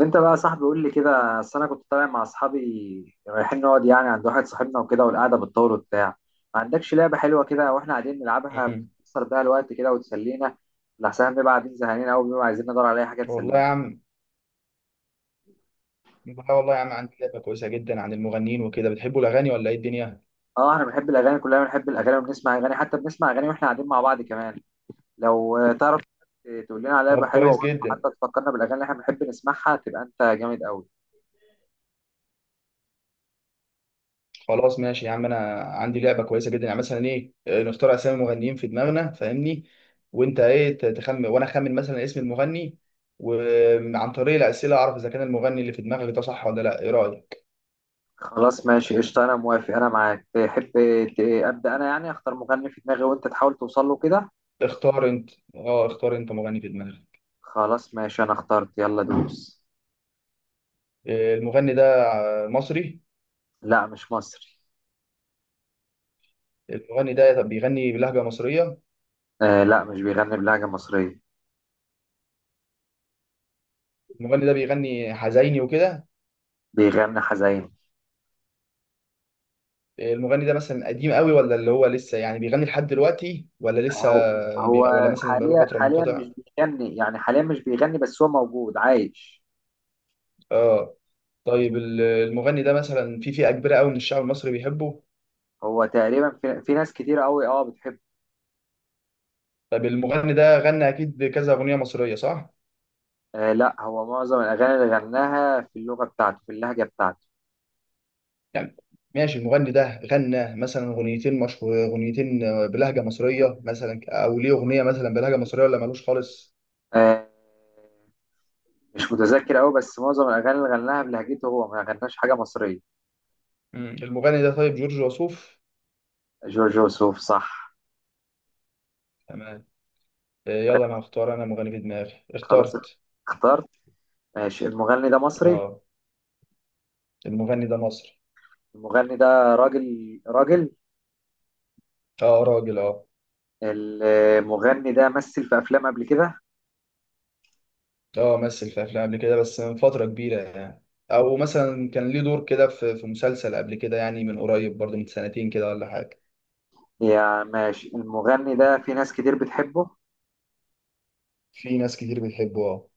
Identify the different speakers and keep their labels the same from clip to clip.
Speaker 1: انت بقى يا صاحبي، قول لي كده. اصل انا كنت طالع مع اصحابي، رايحين نقعد يعني عند واحد صاحبنا وكده، والقعده بتطول وبتاع. ما عندكش لعبه حلوه كده واحنا قاعدين نلعبها،
Speaker 2: مم.
Speaker 1: بتكسر بيها الوقت كده وتسلينا؟ لحسن بنبقى قاعدين زهقانين قوي، بنبقى عايزين ندور على اي حاجه
Speaker 2: والله
Speaker 1: تسلينا.
Speaker 2: يا عم. والله والله يا عم، عندي لعبة كويسة جدا عن المغنيين وكده. بتحبوا الأغاني ولا إيه الدنيا؟
Speaker 1: اه، احنا بنحب الاغاني، كلنا بنحب الاغاني وبنسمع اغاني، حتى بنسمع اغاني واحنا قاعدين مع بعض كمان. لو تعرف تقول لنا على لعبه
Speaker 2: طب
Speaker 1: حلوه،
Speaker 2: كويس جدا.
Speaker 1: وحتى تفكرنا بالاغاني اللي احنا بنحب نسمعها، تبقى انت جامد قوي.
Speaker 2: خلاص ماشي يا عم، أنا عندي لعبة كويسة جدا، يعني مثلا إيه نختار أسامي مغنيين في دماغنا، فاهمني؟ وأنت إيه تخمن وأنا أخمن مثلا اسم المغني، وعن طريق الأسئلة أعرف إذا كان المغني اللي في دماغك ده صح ولا لأ. إيه رأيك؟
Speaker 1: خلاص ماشي قشطة، أنا موافق، أنا معاك. تحب أبدأ أنا؟ يعني أختار مغني في دماغي وأنت تحاول توصل له كده.
Speaker 2: اختار أنت. أه، اختار أنت مغني في دماغك.
Speaker 1: خلاص ماشي، أنا اخترت، يلا دوس.
Speaker 2: المغني ده مصري؟
Speaker 1: لا مش مصري.
Speaker 2: المغني ده طب بيغني بلهجة مصرية؟
Speaker 1: آه لا، مش بيغني بلهجة مصرية.
Speaker 2: المغني ده بيغني حزيني وكده؟
Speaker 1: بيغني حزين.
Speaker 2: المغني ده مثلا قديم قوي، ولا اللي هو لسه يعني بيغني لحد دلوقتي، ولا لسه
Speaker 1: هو.
Speaker 2: ولا مثلا بقاله
Speaker 1: حاليا
Speaker 2: فترة
Speaker 1: حاليا
Speaker 2: منقطع؟
Speaker 1: مش بيغني، يعني حاليا مش بيغني بس هو موجود عايش.
Speaker 2: اه. طيب المغني ده مثلا في فئة كبيرة قوي من الشعب المصري بيحبه؟
Speaker 1: هو تقريبا في ناس كتير قوي، اه بتحبه.
Speaker 2: طيب المغني ده غنى اكيد كذا أغنية مصرية، صح؟
Speaker 1: آه لا، هو معظم الأغاني اللي غناها في اللغة بتاعته، في اللهجة بتاعته.
Speaker 2: يعني ماشي، المغني ده غنى مثلا أغنيتين مشهور، أغنيتين بلهجة مصرية مثلا، او ليه أغنية مثلا بلهجة مصرية ولا مالوش خالص؟
Speaker 1: آه، مش متذكر قوي، بس معظم الاغاني اللي غناها بلهجته، هو ما غناش حاجه مصريه.
Speaker 2: مم. المغني ده طيب جورج وسوف؟
Speaker 1: جورج وسوف، صح.
Speaker 2: تمام. يلا انا هختار انا مغني في دماغي.
Speaker 1: خلاص،
Speaker 2: اخترت.
Speaker 1: اخترت. ماشي، المغني ده مصري؟
Speaker 2: اه، المغني ده مصري.
Speaker 1: المغني ده راجل. راجل.
Speaker 2: اه، راجل اه.
Speaker 1: المغني ده مثل في افلام قبل كده.
Speaker 2: اه، مثل في افلام قبل كده، بس من فتره كبيره يعني، او مثلا كان ليه دور كده في مسلسل قبل كده، يعني من قريب برضه، من سنتين كده ولا حاجه.
Speaker 1: يا ماشي، المغني ده في ناس كتير بتحبه.
Speaker 2: في ناس كتير بتحبه اه.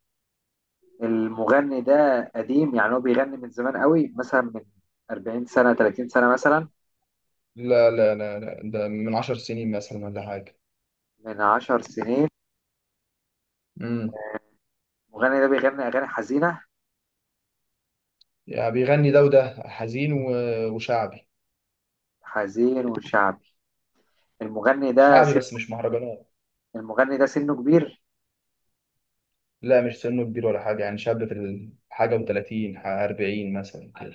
Speaker 1: المغني ده قديم، يعني هو بيغني من زمان قوي، مثلا من 40 سنة، 30 سنة مثلا؟
Speaker 2: لا لا لا لا، ده من 10 سنين مثلا ولا حاجه.
Speaker 1: من 10 سنين.
Speaker 2: امم
Speaker 1: المغني ده بيغني أغاني حزينة.
Speaker 2: يعني بيغني ده وده، حزين وشعبي.
Speaker 1: حزين وشعبي. المغني ده.
Speaker 2: شعبي بس مش مهرجانات.
Speaker 1: المغني ده سنه كبير.
Speaker 2: لا مش سنه كبير ولا حاجه، يعني شاب في حاجه، و30 40 مثلا كده.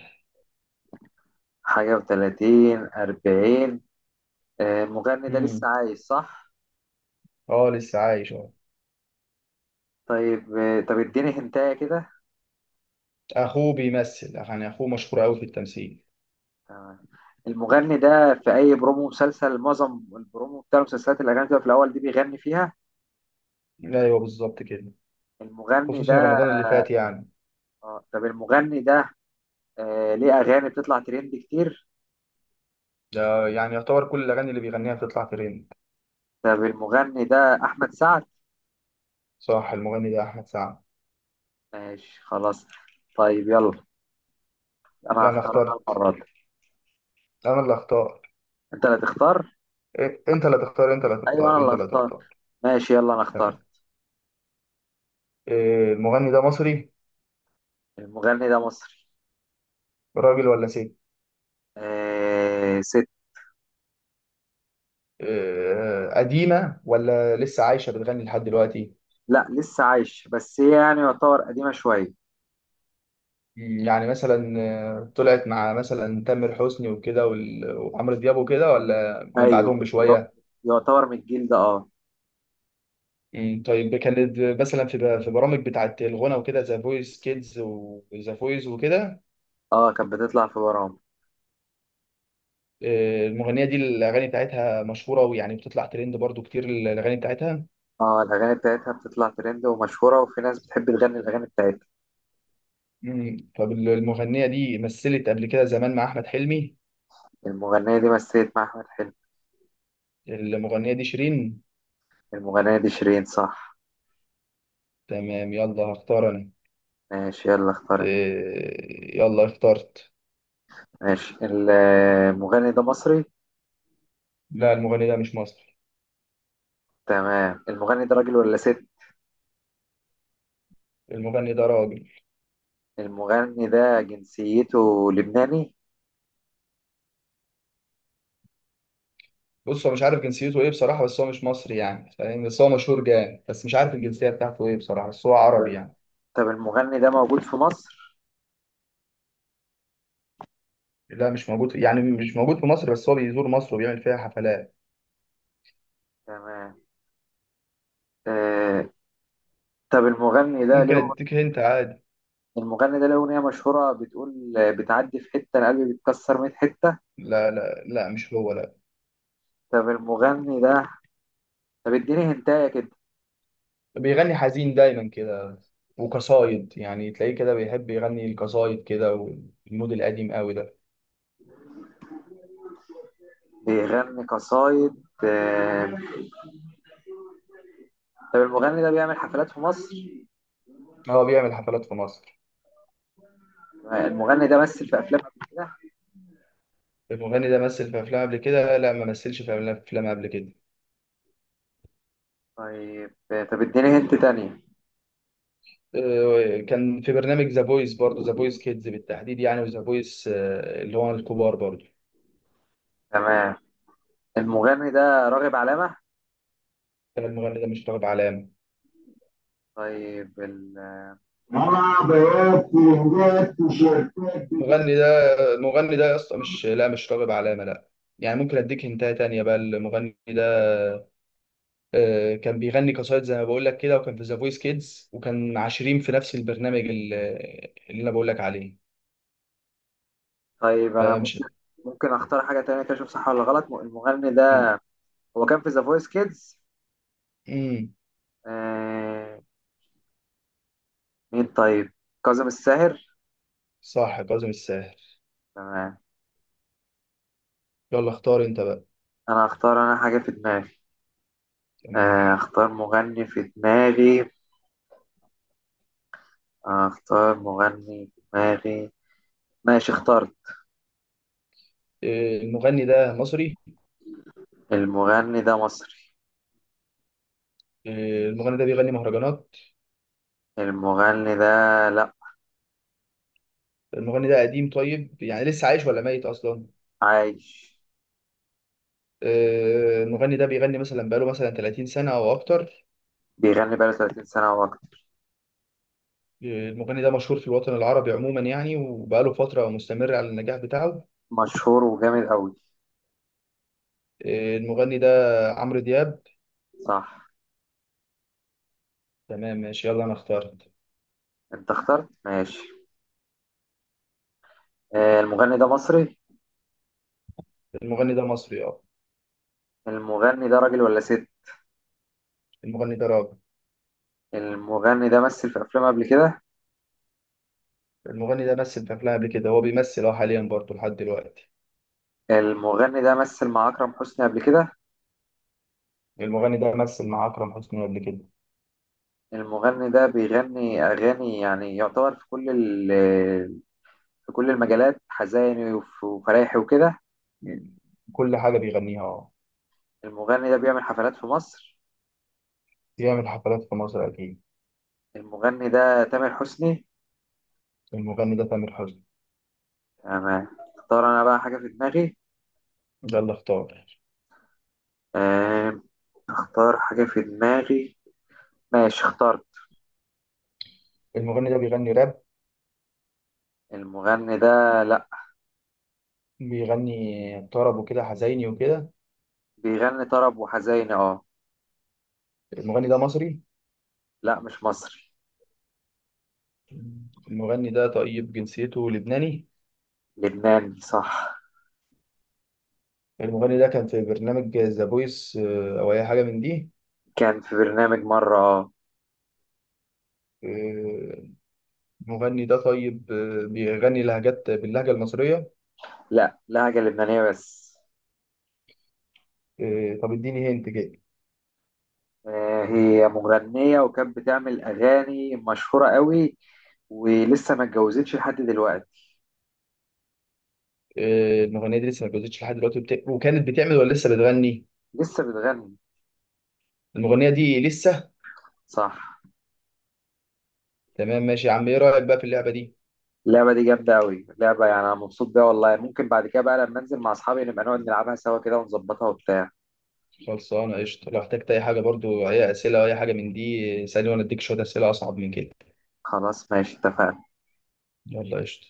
Speaker 1: حاجة و30 40. المغني ده
Speaker 2: امم.
Speaker 1: لسه عايش صح؟
Speaker 2: اه، لسه عايش اه.
Speaker 1: طيب طب اديني هنتاية كده.
Speaker 2: اخوه بيمثل، يعني اخوه مشهور قوي في التمثيل.
Speaker 1: تمام. المغني ده في أي برومو مسلسل، معظم البرومو بتاع المسلسلات اللي كانت في الأول دي بيغني فيها.
Speaker 2: ايوه بالظبط كده.
Speaker 1: المغني
Speaker 2: خصوصا
Speaker 1: ده
Speaker 2: رمضان اللي فات يعني.
Speaker 1: طب المغني ده ليه أغاني بتطلع ترند كتير.
Speaker 2: ده يعني يعتبر كل الاغاني اللي بيغنيها بتطلع ترند.
Speaker 1: طب المغني ده أحمد سعد؟
Speaker 2: صح، المغني ده احمد سعد.
Speaker 1: ماشي خلاص. طيب يلا، أنا
Speaker 2: لا انا
Speaker 1: هختار أنا
Speaker 2: اخترت.
Speaker 1: المرة دي.
Speaker 2: انا اللي اختار.
Speaker 1: أنت اللي تختار.
Speaker 2: إيه، انت اللي تختار انت اللي
Speaker 1: أيوه، أنا
Speaker 2: تختار انت
Speaker 1: اللي
Speaker 2: اللي
Speaker 1: هختار.
Speaker 2: تختار.
Speaker 1: ماشي يلا، أنا اخترت.
Speaker 2: تمام. إيه، المغني ده مصري؟
Speaker 1: المغني ده مصري.
Speaker 2: راجل ولا ست؟
Speaker 1: آه، ست.
Speaker 2: إيه، قديمة ولا لسه عايشة بتغني لحد دلوقتي؟
Speaker 1: لا لسه عايش، بس هي يعني يعتبر قديمة شوية.
Speaker 2: يعني مثلا طلعت مع مثلا تامر حسني وكده وعمرو دياب وكده، ولا من بعدهم
Speaker 1: أيوه،
Speaker 2: بشوية؟
Speaker 1: يعتبر من الجيل ده، اه.
Speaker 2: طيب كانت مثلا في في برامج بتاعت الغنى وكده، ذا فويس كيدز وذا فويس وكده؟
Speaker 1: اه كانت بتطلع في برامج.
Speaker 2: المغنيه دي الاغاني بتاعتها مشهوره، ويعني بتطلع ترند برضو كتير الاغاني بتاعتها.
Speaker 1: اه الأغاني بتاعتها بتطلع ترند ومشهورة، وفي ناس بتحب تغني الأغاني بتاعتها.
Speaker 2: فالمغنيه دي مثلت قبل كده زمان مع احمد حلمي؟
Speaker 1: المغنية دي مثلت مع أحمد حلمي.
Speaker 2: المغنيه دي شيرين.
Speaker 1: المغنية دي شيرين، صح.
Speaker 2: تمام. يلا هختار انا.
Speaker 1: ماشي يلا، اختار انت.
Speaker 2: يلا اخترت.
Speaker 1: ماشي المغني ده مصري.
Speaker 2: لا، المغني ده مش مصري.
Speaker 1: تمام، المغني ده راجل ولا ست؟
Speaker 2: المغني ده راجل.
Speaker 1: المغني ده جنسيته لبناني.
Speaker 2: بص، هو مش عارف جنسيته ايه بصراحه، بس هو مش مصري يعني، فاهم؟ بس هو مشهور جامد، بس مش عارف الجنسيه بتاعته ايه بصراحه، بس هو عربي
Speaker 1: طب،
Speaker 2: يعني.
Speaker 1: طب المغني ده موجود في مصر؟
Speaker 2: لا مش موجود، يعني مش موجود في مصر، بس هو بيزور مصر وبيعمل فيها حفلات.
Speaker 1: تمام. آه، طب المغني ده
Speaker 2: ممكن
Speaker 1: له،
Speaker 2: اديك هنت عادي.
Speaker 1: المغني ده له أغنية مشهورة بتقول بتعدي في حتة القلب بيتكسر 100 حتة.
Speaker 2: لا لا لا، مش هو لا.
Speaker 1: طب المغني ده، طب اديني هنتاية كده.
Speaker 2: بيغني حزين دايما كده، وقصايد، يعني تلاقيه كده بيحب يغني القصايد كده، والمود القديم قوي ده.
Speaker 1: بيغني قصايد، طب المغني ده بيعمل حفلات في مصر.
Speaker 2: هو بيعمل حفلات في مصر.
Speaker 1: المغني ده مثل في أفلام قبل كده.
Speaker 2: المغني ده مثل في افلام قبل كده؟ لا، ما مثلش في افلام قبل كده.
Speaker 1: طيب طب اديني هنت تانية.
Speaker 2: كان في برنامج ذا فويس برضه، ذا فويس كيدز بالتحديد يعني، وذا فويس اللي هو الكبار برضه.
Speaker 1: تمام، المغني ده راغب علامة.
Speaker 2: كان المغني ده مش طالب علامة.
Speaker 1: طيب
Speaker 2: المغني ده المغني ده يا اسطى مش، لا مش راغب علامة، لا. يعني ممكن اديك هنتايه تانية بقى. المغني ده كان بيغني قصايد زي ما بقول لك كده، وكان في ذا فويس كيدز، وكان 20 في نفس البرنامج اللي انا بقول لك عليه.
Speaker 1: طيب أنا ممكن،
Speaker 2: فمش.
Speaker 1: ممكن أختار حاجة تانية كده أشوف صح ولا غلط. المغني ده
Speaker 2: مم.
Speaker 1: هو كان في ذا فويس كيدز.
Speaker 2: مم.
Speaker 1: مين طيب؟ كاظم الساهر.
Speaker 2: صح، كاظم الساهر.
Speaker 1: تمام.
Speaker 2: يلا اختار انت بقى.
Speaker 1: انا هختار انا حاجة في دماغي.
Speaker 2: تمام.
Speaker 1: اختار مغني في دماغي. اختار مغني في دماغي. ماشي اخترت.
Speaker 2: المغني ده مصري؟
Speaker 1: المغني ده مصري.
Speaker 2: المغني ده بيغني مهرجانات؟
Speaker 1: المغني ده، لا.
Speaker 2: المغني ده قديم؟ طيب يعني لسه عايش ولا ميت اصلا؟
Speaker 1: عايش.
Speaker 2: المغني ده بيغني مثلا بقاله مثلا 30 سنة او اكتر؟
Speaker 1: بيغني بقاله 30 سنة او اكتر.
Speaker 2: المغني ده مشهور في الوطن العربي عموما يعني، وبقاله فترة مستمر على النجاح بتاعه.
Speaker 1: مشهور وجامد قوي.
Speaker 2: المغني ده عمرو دياب.
Speaker 1: صح.
Speaker 2: تمام ماشي. يلا أنا اخترت.
Speaker 1: انت اخترت، ماشي. المغني ده مصري.
Speaker 2: المغني ده مصري اه.
Speaker 1: المغني ده راجل ولا ست؟
Speaker 2: المغني ده راجل.
Speaker 1: المغني ده مثل في افلام قبل كده.
Speaker 2: المغني ده مثل في أفلام قبل كده، هو بيمثل اه حاليا برضه لحد دلوقتي.
Speaker 1: المغني ده مثل مع اكرم حسني قبل كده.
Speaker 2: المغني ده مثل مع أكرم حسني قبل كده.
Speaker 1: المغني ده بيغني أغاني يعني يعتبر في كل في كل المجالات، حزيني وفرايحي وكده.
Speaker 2: كل حاجة بيغنيها اه.
Speaker 1: المغني ده بيعمل حفلات في مصر.
Speaker 2: بيعمل حفلات في مصر أكيد.
Speaker 1: المغني ده تامر حسني.
Speaker 2: المغني ده تامر حسني.
Speaker 1: أنا اختار أنا بقى حاجة في دماغي.
Speaker 2: يلا اختار.
Speaker 1: آم، اختار حاجة في دماغي. ماشي اخترت.
Speaker 2: المغني ده بيغني راب؟
Speaker 1: المغني ده، لأ.
Speaker 2: بيغني طرب وكده حزيني وكده.
Speaker 1: بيغني طرب وحزيني، اه.
Speaker 2: المغني ده مصري؟
Speaker 1: لأ مش مصري.
Speaker 2: المغني ده طيب جنسيته لبناني؟
Speaker 1: لبناني، صح.
Speaker 2: المغني ده كان في برنامج ذا فويس او اي حاجه من دي؟
Speaker 1: كان في برنامج مرة، اه.
Speaker 2: آه، المغني ده طيب بيغني لهجات باللهجه المصريه؟
Speaker 1: لأ، لهجة لبنانية بس.
Speaker 2: طب اديني هنت كده.
Speaker 1: هي مغنية وكانت بتعمل أغاني مشهورة قوي، ولسه ما اتجوزتش لحد دلوقتي.
Speaker 2: المغنيه دي لسه ما اتجوزتش لحد دلوقتي، وكانت بتعمل ولا لسه بتغني؟
Speaker 1: لسه بتغني.
Speaker 2: المغنيه دي لسه.
Speaker 1: صح.
Speaker 2: تمام ماشي يا عم، ايه رايك بقى في اللعبه دي؟
Speaker 1: اللعبة دي جامدة قوي، لعبة يعني أنا مبسوط بيها والله. ممكن بعد كده بقى، لما أنزل مع أصحابي، نبقى نقعد نلعبها سوا كده ونظبطها وبتاع.
Speaker 2: خلصانه قشطه. لو احتجت اي حاجه برضو، اي اسئله او اي حاجه من دي، اسالني وانا اديك شويه اسئله اصعب من كده.
Speaker 1: خلاص ماشي، اتفقنا.
Speaker 2: يلا قشطه.